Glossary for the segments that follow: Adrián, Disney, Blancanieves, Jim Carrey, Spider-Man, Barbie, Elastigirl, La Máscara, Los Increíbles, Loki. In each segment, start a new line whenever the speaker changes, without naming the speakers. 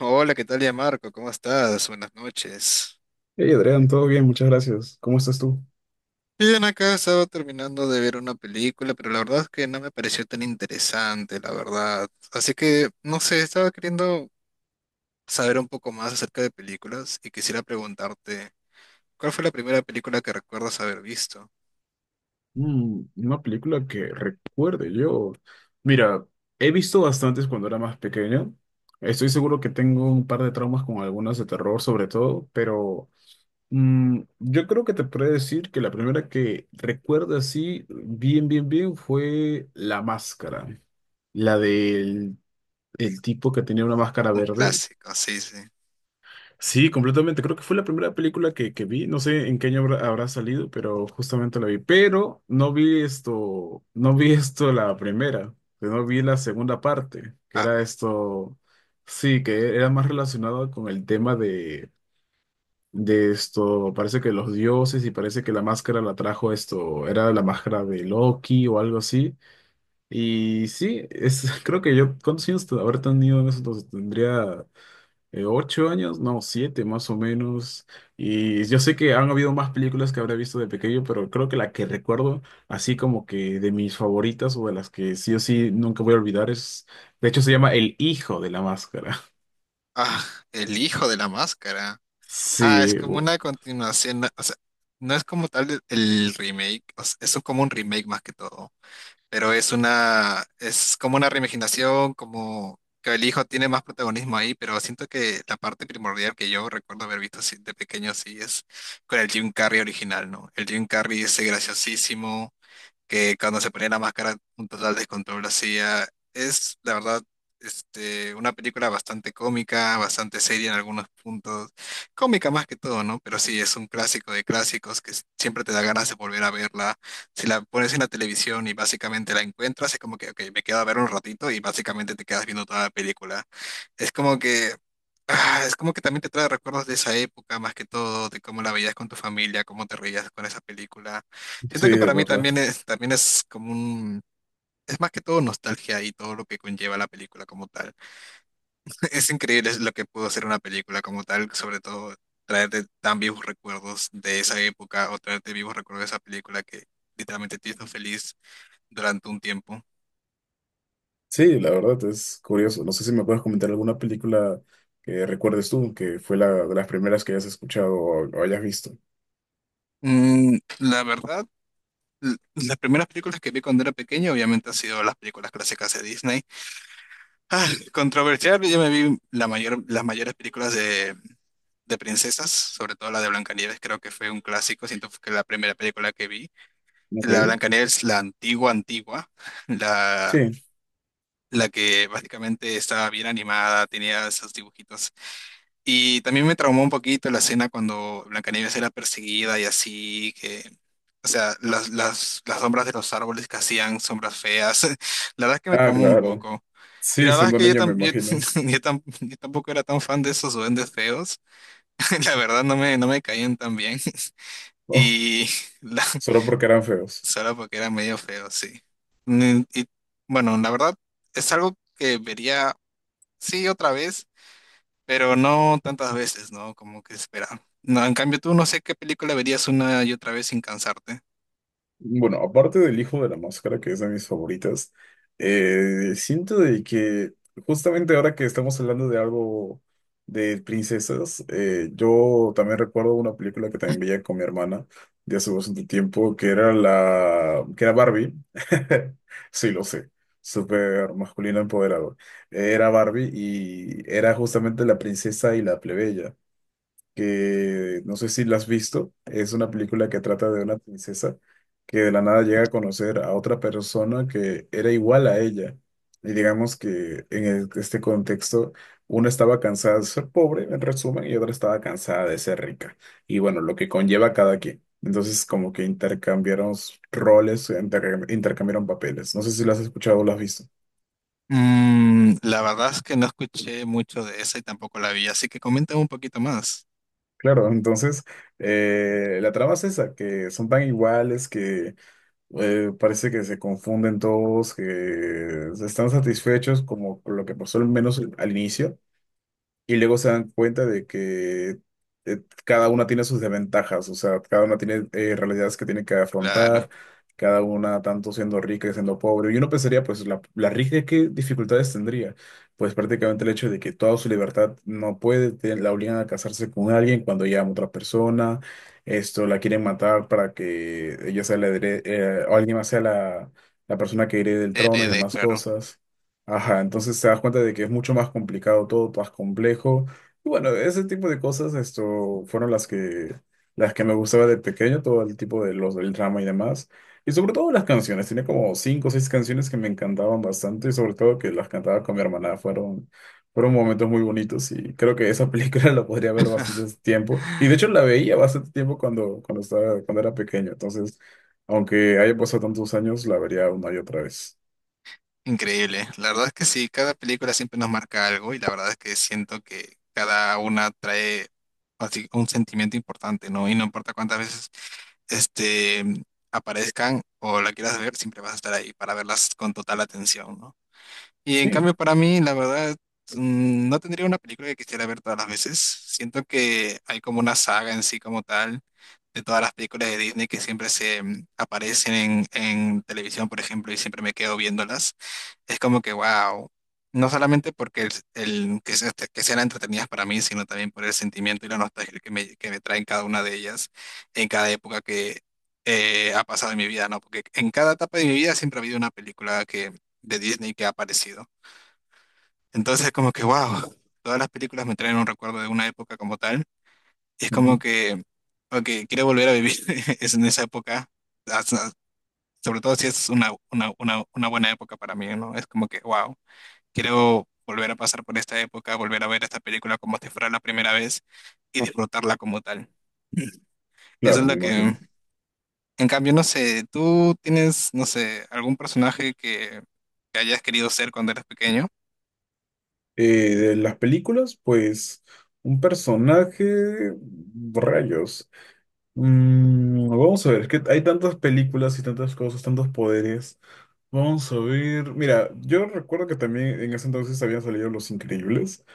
Hola, ¿qué tal ya Marco? ¿Cómo estás? Buenas noches.
Hey Adrián, todo bien, muchas gracias. ¿Cómo estás tú?
Bien, acá estaba terminando de ver una película, pero la verdad es que no me pareció tan interesante, la verdad. Así que, no sé, estaba queriendo saber un poco más acerca de películas y quisiera preguntarte, ¿cuál fue la primera película que recuerdas haber visto?
Una película que recuerde yo. Mira, he visto bastantes cuando era más pequeño. Estoy seguro que tengo un par de traumas con algunas de terror sobre todo, pero yo creo que te podría decir que la primera que recuerdo así bien, bien, bien fue La Máscara. La del el tipo que tenía una máscara
Un
verde.
clásico, sí, sí.
Sí, completamente. Creo que fue la primera película que vi. No sé en qué año habrá salido, pero justamente la vi. Pero no vi esto la primera, que no vi la segunda parte, que
Ah,
era esto, sí, que era más relacionado con el tema de esto, parece que los dioses y parece que la máscara la trajo esto, era la máscara de Loki o algo así. Y sí, creo que yo, ¿cuántos años habré tenido en eso? Entonces, tendría 8 años, no, 7 más o menos. Y yo sé que han habido más películas que habrá visto de pequeño, pero creo que la que recuerdo, así como que de mis favoritas o de las que sí o sí nunca voy a olvidar, es, de hecho se llama El Hijo de la Máscara.
ah, El hijo de la máscara. Ah, es
Sí,
como una continuación, o sea, no es como tal el remake, o sea, es como un remake más que todo. Pero es una, es como una reimaginación, como que el hijo tiene más protagonismo ahí, pero siento que la parte primordial que yo recuerdo haber visto así de pequeño, sí, es con el Jim Carrey original, ¿no? El Jim Carrey ese graciosísimo que cuando se ponía la máscara un total descontrol hacía. Es, la verdad, una película bastante cómica, bastante seria en algunos puntos. Cómica más que todo, ¿no? Pero sí, es un clásico de clásicos que siempre te da ganas de volver a verla. Si la pones en la televisión y básicamente la encuentras, es como que, ok, me quedo a ver un ratito y básicamente te quedas viendo toda la película. Es como que... Ah, es como que también te trae recuerdos de esa época, más que todo, de cómo la veías con tu familia, cómo te reías con esa película.
sí,
Siento que
de
para mí
verdad.
también es como un, es más que todo nostalgia y todo lo que conlleva la película como tal. Es increíble lo que pudo hacer una película como tal, sobre todo traerte tan vivos recuerdos de esa época o traerte vivos recuerdos de esa película que literalmente te hizo feliz durante un tiempo.
Sí, la verdad es curioso. No sé si me puedes comentar alguna película que recuerdes tú, que fue la de las primeras que hayas escuchado o hayas visto.
La verdad, las primeras películas que vi cuando era pequeño obviamente han sido las películas clásicas de Disney. Ah, controversial, yo me vi la mayor, las mayores películas de princesas, sobre todo la de Blancanieves, creo que fue un clásico, siento que la primera película que vi. La
Ok,
Blancanieves, la antigua, antigua, la,
sí.
la que básicamente estaba bien animada, tenía esos dibujitos. Y también me traumó un poquito la escena cuando Blancanieves era perseguida y así, que, o sea, las sombras de los árboles que hacían sombras feas, la verdad es que me
Ah,
traumó un
claro.
poco. Y la
Sí,
verdad es
siendo
que yo,
niño me
yo,
imagino.
yo yo tampoco era tan fan de esos duendes feos. La verdad no me caían tan bien.
Oh,
Y la,
solo porque eran feos.
solo porque era medio feo, sí. Y bueno, la verdad es algo que vería, sí, otra vez, pero no tantas veces, ¿no? Como que espera. No, en cambio tú no sé qué película verías una y otra vez sin cansarte.
Bueno, aparte del Hijo de la Máscara, que es de mis favoritas, siento de que justamente ahora que estamos hablando de algo de princesas, yo también recuerdo una película que también veía con mi hermana de hace bastante tiempo, que era la, que era Barbie. Sí, lo sé, súper masculino empoderado. Era Barbie y era justamente la princesa y la plebeya que no sé si la has visto, es una película que trata de una princesa que de la nada llega a conocer a otra persona que era igual a ella. Y digamos que en este contexto, una estaba cansada de ser pobre, en resumen, y otra estaba cansada de ser rica. Y bueno, lo que conlleva a cada quien. Entonces, como que intercambiaron roles, intercambiaron papeles. No sé si lo has escuchado o lo has visto.
La verdad es que no escuché mucho de esa y tampoco la vi, así que coméntame un poquito más.
Claro, entonces la trama es esa, que son tan iguales que parece que se confunden todos, que están satisfechos como con lo que pasó al menos al inicio. Y luego se dan cuenta de que cada una tiene sus desventajas, o sea, cada una tiene realidades que tiene que afrontar,
Claro,
cada una tanto siendo rica y siendo pobre. Y uno pensaría, pues, la rica, ¿qué dificultades tendría? Pues prácticamente el hecho de que toda su libertad no puede, la obligan a casarse con alguien cuando ella ama a otra persona, esto, la quieren matar para que ella sea o alguien más sea la persona que herede el trono y
heredé,
demás
claro.
cosas. Ajá, entonces te das cuenta de que es mucho más complicado todo, más complejo. Y bueno, ese tipo de cosas, esto, fueron las que me gustaba de pequeño, todo el tipo de los del drama y demás. Y sobre todo las canciones, tenía como cinco o seis canciones que me encantaban bastante, y sobre todo que las cantaba con mi hermana, fueron momentos muy bonitos y creo que esa película la podría ver bastante tiempo. Y de hecho la veía bastante tiempo cuando era pequeño, entonces, aunque haya pasado tantos años, la vería una y otra vez.
Increíble. La verdad es que sí, cada película siempre nos marca algo y la verdad es que siento que cada una trae así un sentimiento importante, ¿no? Y no importa cuántas veces este aparezcan o la quieras ver, siempre vas a estar ahí para verlas con total atención, ¿no? Y en
Sí.
cambio para mí, la verdad, no tendría una película que quisiera ver todas las veces. Siento que hay como una saga en sí como tal de todas las películas de Disney que siempre se aparecen en televisión, por ejemplo, y siempre me quedo viéndolas es como que, wow, no solamente porque que, que sean entretenidas para mí, sino también por el sentimiento y la nostalgia que me traen cada una de ellas en cada época que ha pasado en mi vida, ¿no? Porque en cada etapa de mi vida siempre ha habido una película que, de Disney que ha aparecido. Entonces, como que, wow, todas las películas me traen un recuerdo de una época como tal. Y es como que, ok, quiero volver a vivir es en esa época, hasta- sobre todo si es una, una buena época para mí, ¿no? Es como que, wow. Quiero volver a pasar por esta época, volver a ver esta película como si fuera la primera vez y disfrutarla como tal. Eso es
Claro, me
lo que,
imagino.
en cambio, no sé, tú tienes, no sé, algún personaje que hayas querido ser cuando eras pequeño.
De las películas, pues un personaje, rayos. Vamos a ver, es que hay tantas películas y tantas cosas, tantos poderes. Vamos a ver. Mira, yo recuerdo que también en ese entonces habían salido Los Increíbles.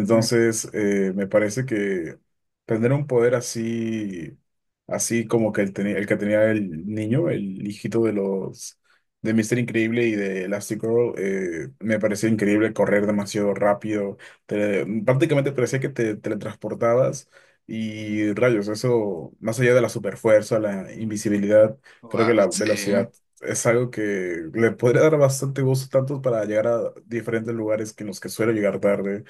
Ujú.
me parece que tener un poder así, así como que el que tenía el niño, el hijito de los de Mister Increíble y de Elastigirl, me parecía increíble correr demasiado rápido. Prácticamente parecía que te teletransportabas. Y rayos, eso, más allá de la superfuerza, la invisibilidad, creo que la
Wow, sí.
velocidad es algo que le podría dar bastante gusto tanto para llegar a diferentes lugares que en los que suelo llegar tarde.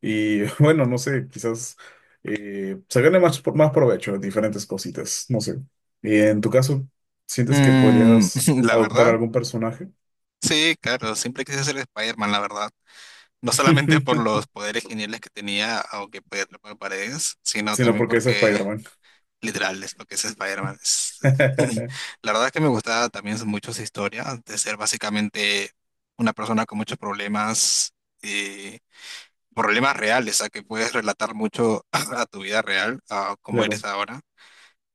Y bueno, no sé, quizás se gane más, más provecho de diferentes cositas, no sé. Y en tu caso, ¿sientes que
Mm,
podrías
la
adoptar a
verdad,
algún personaje?
sí, claro, siempre quise ser Spider-Man, la verdad. No solamente por los poderes geniales que tenía, aunque podía atrapar paredes, sino
Sino
también
porque es
porque
Spider-Man.
Literal, es lo que es Spider-Man. La verdad es que me gustaba también mucho su historia, de ser básicamente una persona con muchos problemas, eh, problemas reales, a que puedes relatar mucho a tu vida real, a cómo eres
Claro.
ahora,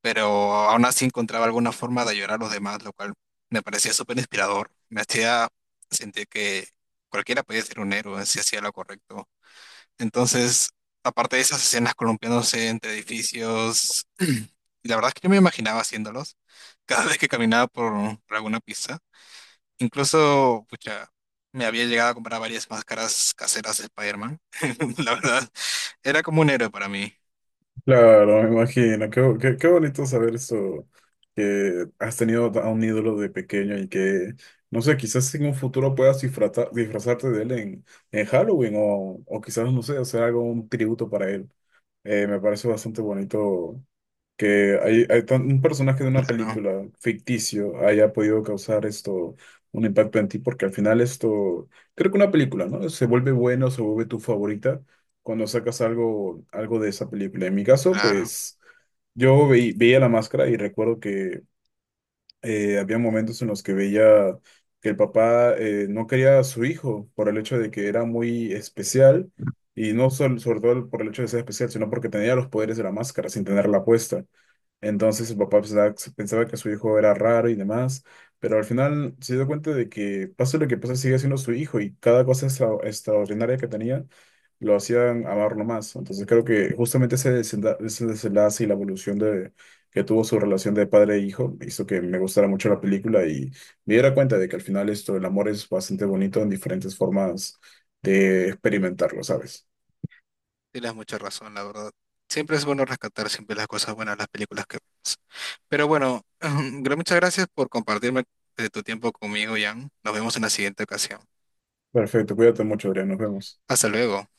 pero aún así encontraba alguna forma de ayudar a los demás, lo cual me parecía súper inspirador. Me hacía sentir que cualquiera podía ser un héroe si hacía lo correcto. Entonces, aparte de esas escenas columpiándose entre edificios, la verdad es que yo me imaginaba haciéndolos cada vez que caminaba por alguna pista. Incluso, pucha, me había llegado a comprar varias máscaras caseras de Spider-Man. La verdad, era como un héroe para mí.
Claro, me imagino. Qué bonito saber eso, que has tenido a un ídolo de pequeño y que, no sé, quizás en un futuro puedas disfrazarte de él en Halloween o quizás, no sé, hacer algo, un tributo para él. Me parece bastante bonito que hay un personaje de una
Claro,
película ficticio haya podido causar esto, un impacto en ti, porque al final esto, creo que una película, ¿no? Se vuelve bueno, se vuelve tu favorita cuando sacas algo, algo de esa película. En mi caso,
claro.
pues yo veía La Máscara y recuerdo que había momentos en los que veía que el papá no quería a su hijo por el hecho de que era muy especial y no sol- sobre todo por el hecho de ser especial, sino porque tenía los poderes de la máscara sin tenerla puesta. Entonces el papá pensaba que su hijo era raro y demás, pero al final se dio cuenta de que pase lo que pase sigue siendo su hijo y cada cosa extraordinaria que tenía lo hacían amarlo más, ¿no? Entonces creo que justamente ese desenlace y la evolución que tuvo su relación de padre e hijo hizo que me gustara mucho la película y me diera cuenta de que al final esto, el amor es bastante bonito en diferentes formas de experimentarlo, ¿sabes?
Tienes mucha razón, la verdad. Siempre es bueno rescatar siempre las cosas buenas, las películas que vemos. Pero bueno, muchas gracias por compartirme de tu tiempo conmigo, Jan. Nos vemos en la siguiente ocasión.
Perfecto, cuídate mucho, Adrián, nos vemos.
Hasta luego.